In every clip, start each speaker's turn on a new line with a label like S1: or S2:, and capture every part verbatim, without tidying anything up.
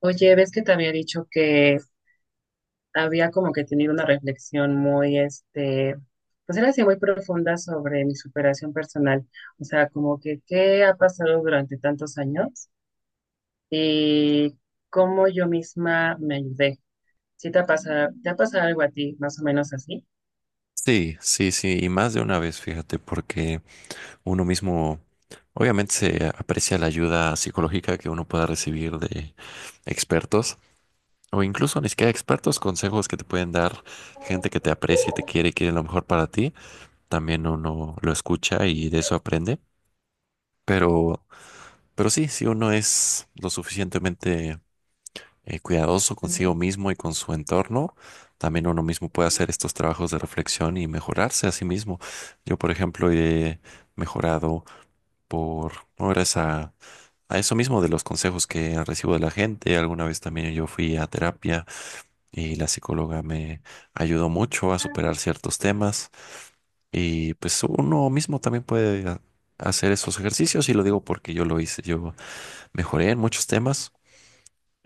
S1: Oye, ves que te había dicho que había como que tenido una reflexión muy, este, pues era así muy profunda sobre mi superación personal. O sea, como que qué ha pasado durante tantos años y cómo yo misma me ayudé. ¿Sí te ha pasado, te ha pasado algo a ti, más o menos así?
S2: Sí, sí, sí, y más de una vez, fíjate, porque uno mismo, obviamente se aprecia la ayuda psicológica que uno pueda recibir de expertos, o incluso ni siquiera expertos, consejos que te pueden dar gente que te aprecia y te quiere y quiere lo mejor para ti, también uno lo escucha y de eso aprende, pero, pero sí, si uno es lo suficientemente eh, cuidadoso consigo mismo y con su entorno, también uno mismo puede hacer estos trabajos de reflexión y mejorarse a sí mismo. Yo, por ejemplo, he mejorado por, no, gracias a, a eso mismo de los consejos que recibo de la gente. Alguna vez también yo fui a terapia y la psicóloga me ayudó mucho a superar ciertos temas y pues uno mismo también puede... a- hacer esos ejercicios y lo digo porque yo lo hice, yo mejoré en muchos temas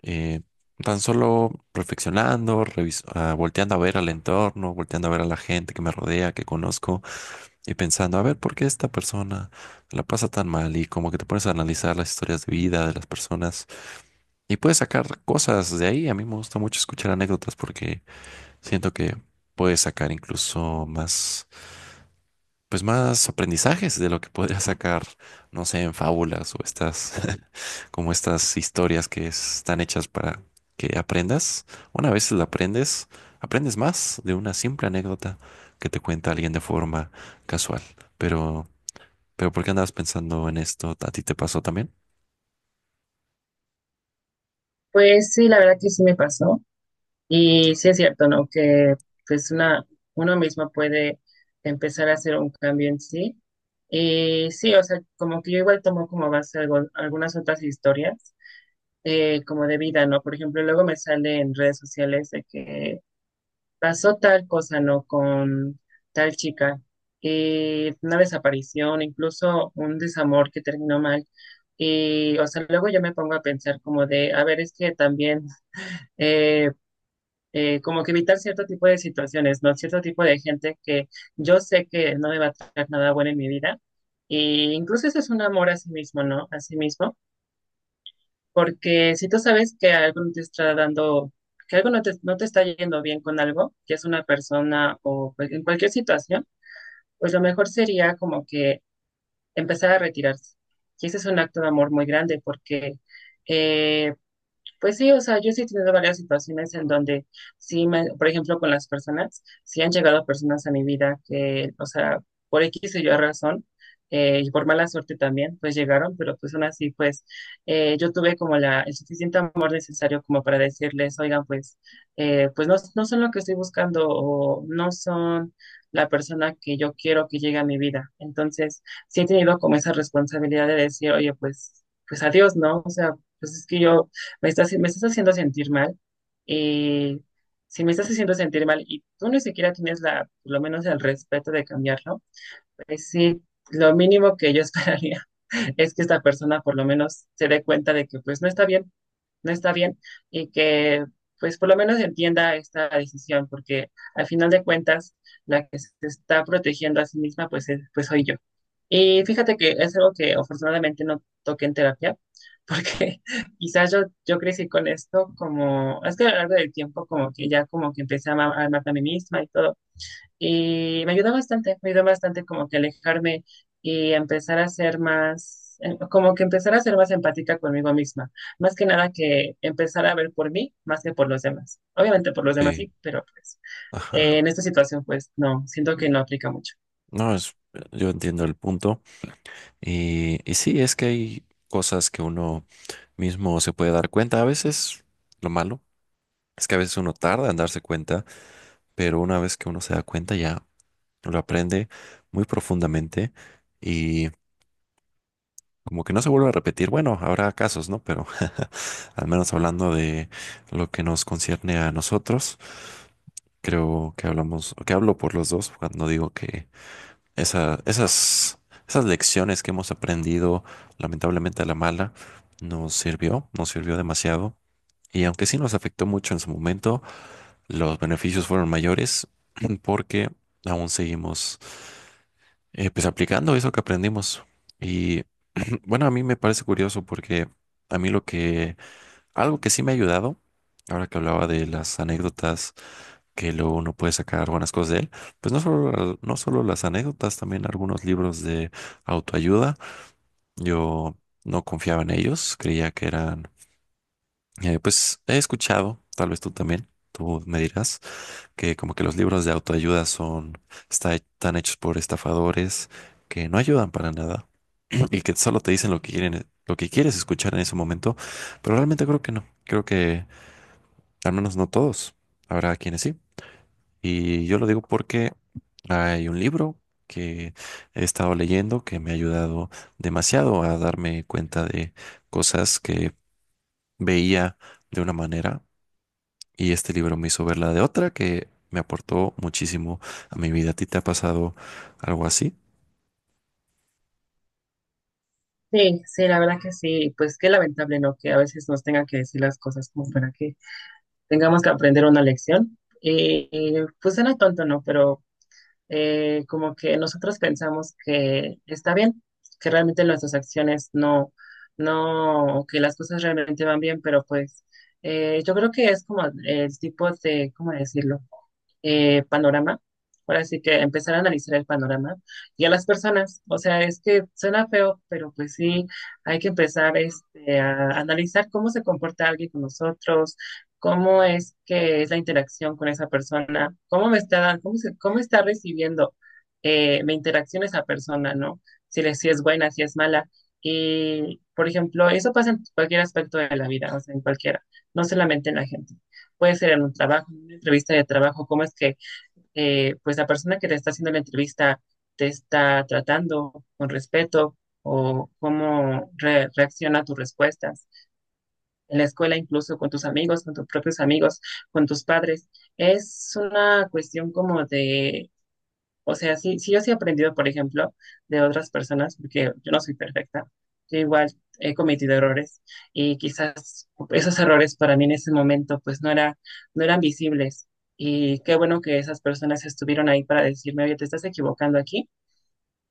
S2: eh, tan solo reflexionando, revis- ah, volteando a ver al entorno, volteando a ver a la gente que me rodea, que conozco, y pensando, a ver, ¿por qué esta persona la pasa tan mal? Y como que te pones a analizar las historias de vida de las personas y puedes sacar cosas de ahí. A mí me gusta mucho escuchar anécdotas porque siento que puedes sacar incluso más pues más aprendizajes de lo que podría sacar, no sé, en fábulas o estas, como estas historias que están hechas para que aprendas. Una vez la aprendes, aprendes más de una simple anécdota que te cuenta alguien de forma casual. Pero, pero ¿por qué andabas pensando en esto? ¿A ti te pasó también?
S1: Pues sí, la verdad que sí me pasó. Y sí es cierto, ¿no? Que pues una, uno mismo puede empezar a hacer un cambio en sí. Y sí, o sea, como que yo igual tomo como base algo- algunas otras historias, eh, como de vida, ¿no? Por ejemplo, luego me sale en redes sociales de que pasó tal cosa, ¿no? Con tal chica, y una desaparición, incluso un desamor que terminó mal. Y, o sea, luego yo me pongo a pensar como de, a ver, es que también... eh, eh, como que evitar cierto tipo de situaciones, ¿no? Cierto tipo de gente que yo sé que no me va a traer nada bueno en mi vida. Y incluso eso es un amor a sí mismo, ¿no? A sí mismo. Porque si tú sabes que algo no te está dando, que algo no te, no te está yendo bien con algo, que es una persona o cual- en cualquier situación, pues lo mejor sería como que empezar a retirarse. Y ese es un acto de amor muy grande porque... eh, pues sí, o sea, yo sí he tenido varias situaciones en donde sí, me- por ejemplo, con las personas, sí han llegado personas a mi vida que, o sea, por X o Y razón, eh, y por mala suerte también, pues llegaron, pero pues aún así, pues eh, yo tuve como la, el suficiente amor necesario como para decirles, oigan, pues, eh, pues no, no son lo que estoy buscando o no son la persona que yo quiero que llegue a mi vida. Entonces, sí he tenido como esa responsabilidad de decir, oye, pues, pues adiós, ¿no? O sea, pues es que yo me estás, me estás haciendo sentir mal. eh, si me estás haciendo sentir mal y tú ni siquiera tienes la, por lo menos el respeto de cambiarlo, pues sí, lo mínimo que yo esperaría es que esta persona por lo menos se dé cuenta de que pues no está bien, no está bien y que pues por lo menos entienda esta decisión, porque al final de cuentas la que se está protegiendo a sí misma pues, es- pues soy yo. Y fíjate que es algo que afortunadamente no toqué en terapia, porque quizás yo, yo crecí con esto como, es que a lo largo del tiempo como que ya como que empecé a ama- a amarme a mí misma y todo. Y me ayudó bastante, me ayudó bastante como que alejarme y empezar a ser más, eh, como que empezar a ser más empática conmigo misma. Más que nada que empezar a ver por mí más que por los demás. Obviamente por los demás
S2: Sí.
S1: sí, pero pues eh, en
S2: Ajá.
S1: esta situación pues no, siento que no aplica mucho.
S2: No, es, yo entiendo el punto. Y, y sí, es que hay cosas que uno mismo se puede dar cuenta. A veces lo malo es que a veces uno tarda en darse cuenta, pero una vez que uno se da cuenta ya lo aprende muy profundamente y como que no se vuelve a repetir. Bueno, habrá casos, ¿no? Pero al menos hablando de lo que nos concierne a nosotros, creo que hablamos, que hablo por los dos cuando digo que Esa- esas, esas lecciones que hemos aprendido, lamentablemente a la mala, nos sirvió, nos sirvió demasiado. Y aunque sí nos afectó mucho en su momento, los beneficios fueron mayores porque aún seguimos eh, pues aplicando eso que aprendimos. Y bueno, a mí me parece curioso porque a mí lo que, algo que sí me ha ayudado, ahora que hablaba de las anécdotas que luego uno puede sacar buenas cosas de él. Pues no solo, no solo las anécdotas, también algunos libros de autoayuda. Yo no confiaba en ellos, creía que eran, eh, pues he escuchado, tal vez tú también, tú me dirás, que como que los libros de autoayuda son, está- están hechos por estafadores que no ayudan para nada y que solo te dicen lo que quieren, lo que quieres escuchar en ese momento, pero realmente creo que no, creo que al menos no todos, habrá quienes sí. Y yo lo digo porque hay un libro que he estado leyendo que me ha ayudado demasiado a darme cuenta de cosas que veía de una manera y este libro me hizo verla de otra que me aportó muchísimo a mi vida. ¿A ti te ha pasado algo así?
S1: Sí, sí, la verdad que sí, pues qué lamentable, ¿no? Que a veces nos tengan que decir las cosas como para que tengamos que aprender una lección. Y, y, pues era tonto, ¿no? Pero eh, como que nosotros pensamos que está bien, que realmente nuestras acciones no, no, que las cosas realmente van bien, pero pues eh, yo creo que es como el tipo de, ¿cómo decirlo? Eh, panorama. Ahora sí que empezar a analizar el panorama y a las personas. O sea, es que suena feo, pero pues sí, hay que empezar este, a analizar cómo se comporta alguien con nosotros, cómo es que es la interacción con esa persona, cómo me está dando, cómo se- cómo está recibiendo eh, mi interacción esa persona, ¿no? Si, le, si es buena, si es mala. Y, por ejemplo, eso pasa en cualquier aspecto de la vida, o sea, en cualquiera, no solamente en la gente puede ser en un trabajo, en una entrevista de trabajo, cómo es que eh, pues la persona que te está haciendo la entrevista te está tratando con respeto o cómo re- reacciona a tus respuestas. En la escuela, incluso con tus amigos, con tus propios amigos, con tus padres. Es una cuestión como de o sea, sí, sí, yo sí he aprendido, por ejemplo, de otras personas, porque yo no soy perfecta. Yo igual he cometido errores y quizás esos errores para mí en ese momento pues no era, no eran visibles. Y qué bueno que esas personas estuvieron ahí para decirme, oye, te estás equivocando aquí.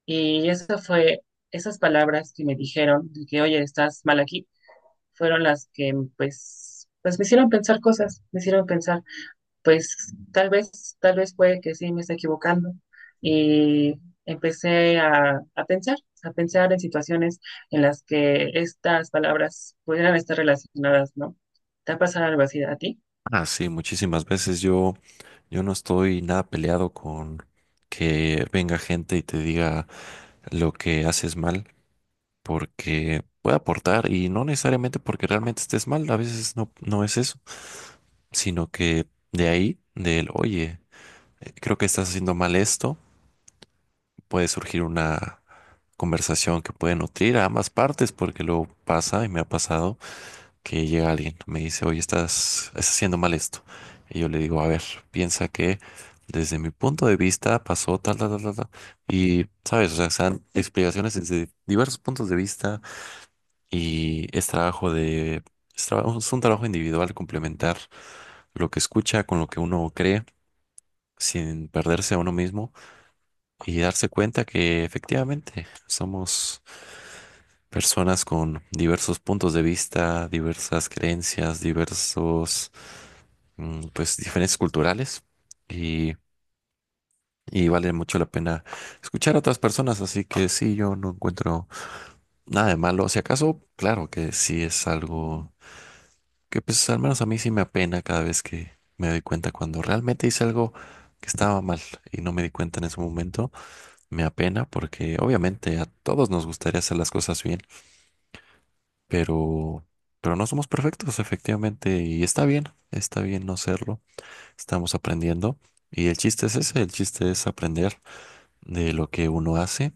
S1: Y eso fue, esas palabras que me dijeron, de que, oye, estás mal aquí, fueron las que pues, pues me hicieron pensar cosas, me hicieron pensar pues tal vez, tal vez puede que sí me esté equivocando. Y empecé a, a pensar, a pensar en situaciones en las que estas palabras pudieran estar relacionadas, ¿no? ¿Te ha pasado algo así a ti?
S2: Ah, sí, muchísimas veces yo, yo no estoy nada peleado con que venga gente y te diga lo que haces mal, porque puede aportar y no necesariamente porque realmente estés mal, a veces no, no es eso, sino que de ahí, del, oye, eh, creo que estás haciendo mal esto, puede surgir una conversación que puede nutrir a ambas partes, porque luego pasa y me ha pasado que llega alguien, me dice, oye, estás, estás haciendo mal esto. Y yo le digo, a ver, piensa que desde mi punto de vista pasó tal, tal, tal, tal, tal". Y, sabes, o sea, sean explicaciones desde diversos puntos de vista y es trabajo de, es, trabajo- es un trabajo individual complementar lo que escucha con lo que uno cree sin perderse a uno mismo y darse cuenta que efectivamente somos personas con diversos puntos de vista, diversas creencias, diversos, mm, pues, diferencias culturales y, y vale mucho la pena escuchar a otras personas. Así que sí, yo no encuentro nada de malo. Si acaso, claro que sí es algo que pues al menos a mí sí me apena cada vez que me doy cuenta cuando realmente hice algo que estaba mal y no me di cuenta en ese momento. Me apena porque obviamente a todos nos gustaría hacer las cosas bien, pero, pero no somos perfectos efectivamente y está bien, está bien no serlo. Estamos aprendiendo y el chiste es ese, el chiste es aprender de lo que uno hace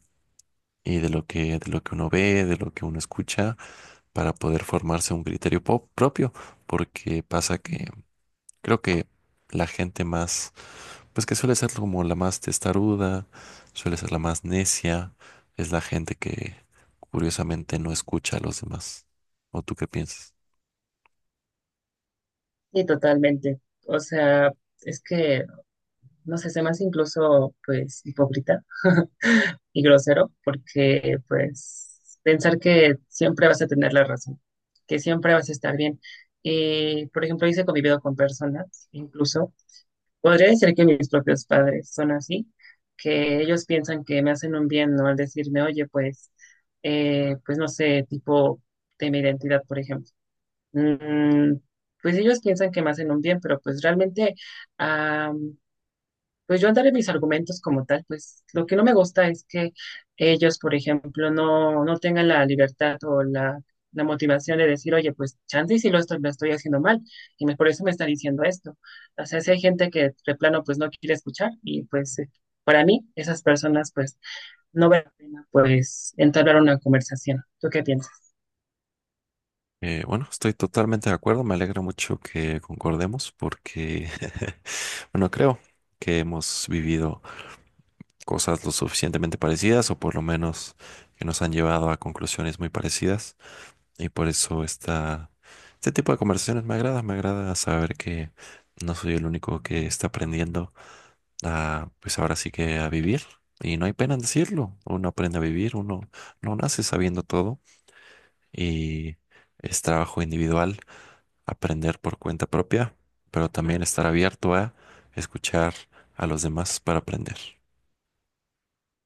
S2: y de lo que, de lo que uno ve, de lo que uno escucha para poder formarse un criterio po- propio porque pasa que creo que la gente más, pues que suele ser como la más testaruda, suele ser la más necia, es la gente que curiosamente no escucha a los demás. ¿O tú qué piensas?
S1: Sí, totalmente. O sea, es que, no sé, se me hace incluso, pues, hipócrita y grosero, porque, pues, pensar que siempre vas a tener la razón, que siempre vas a estar bien. Y, por ejemplo, hice convivido con personas, incluso, podría decir que mis propios padres son así, que ellos piensan que me hacen un bien, ¿no? Al decirme, oye, pues, eh, pues no sé, tipo de mi identidad, por ejemplo. Mm, pues ellos piensan que me hacen un bien, pero pues realmente pues yo andaré mis argumentos como tal, pues lo que no me gusta es que ellos, por ejemplo, no, no tengan la libertad o la, la motivación de decir, oye, pues chance y si lo estoy, lo estoy haciendo mal, y me- por eso me está diciendo esto. O sea, si hay gente que de plano pues no quiere escuchar, y pues eh, para mí, esas personas pues no vale la pena pues entablar una conversación. ¿Tú qué piensas?
S2: Eh, bueno, estoy totalmente de acuerdo, me alegra mucho que concordemos porque, bueno, creo que hemos vivido cosas lo suficientemente parecidas o por lo menos que nos han llevado a conclusiones muy parecidas y por eso está este tipo de conversaciones me agrada, me agrada saber que no soy el único que está aprendiendo a, pues ahora sí que a vivir. Y no hay pena en decirlo. Uno aprende a vivir, uno no nace sabiendo todo y es trabajo individual aprender por cuenta propia, pero también estar abierto a escuchar a los demás para aprender.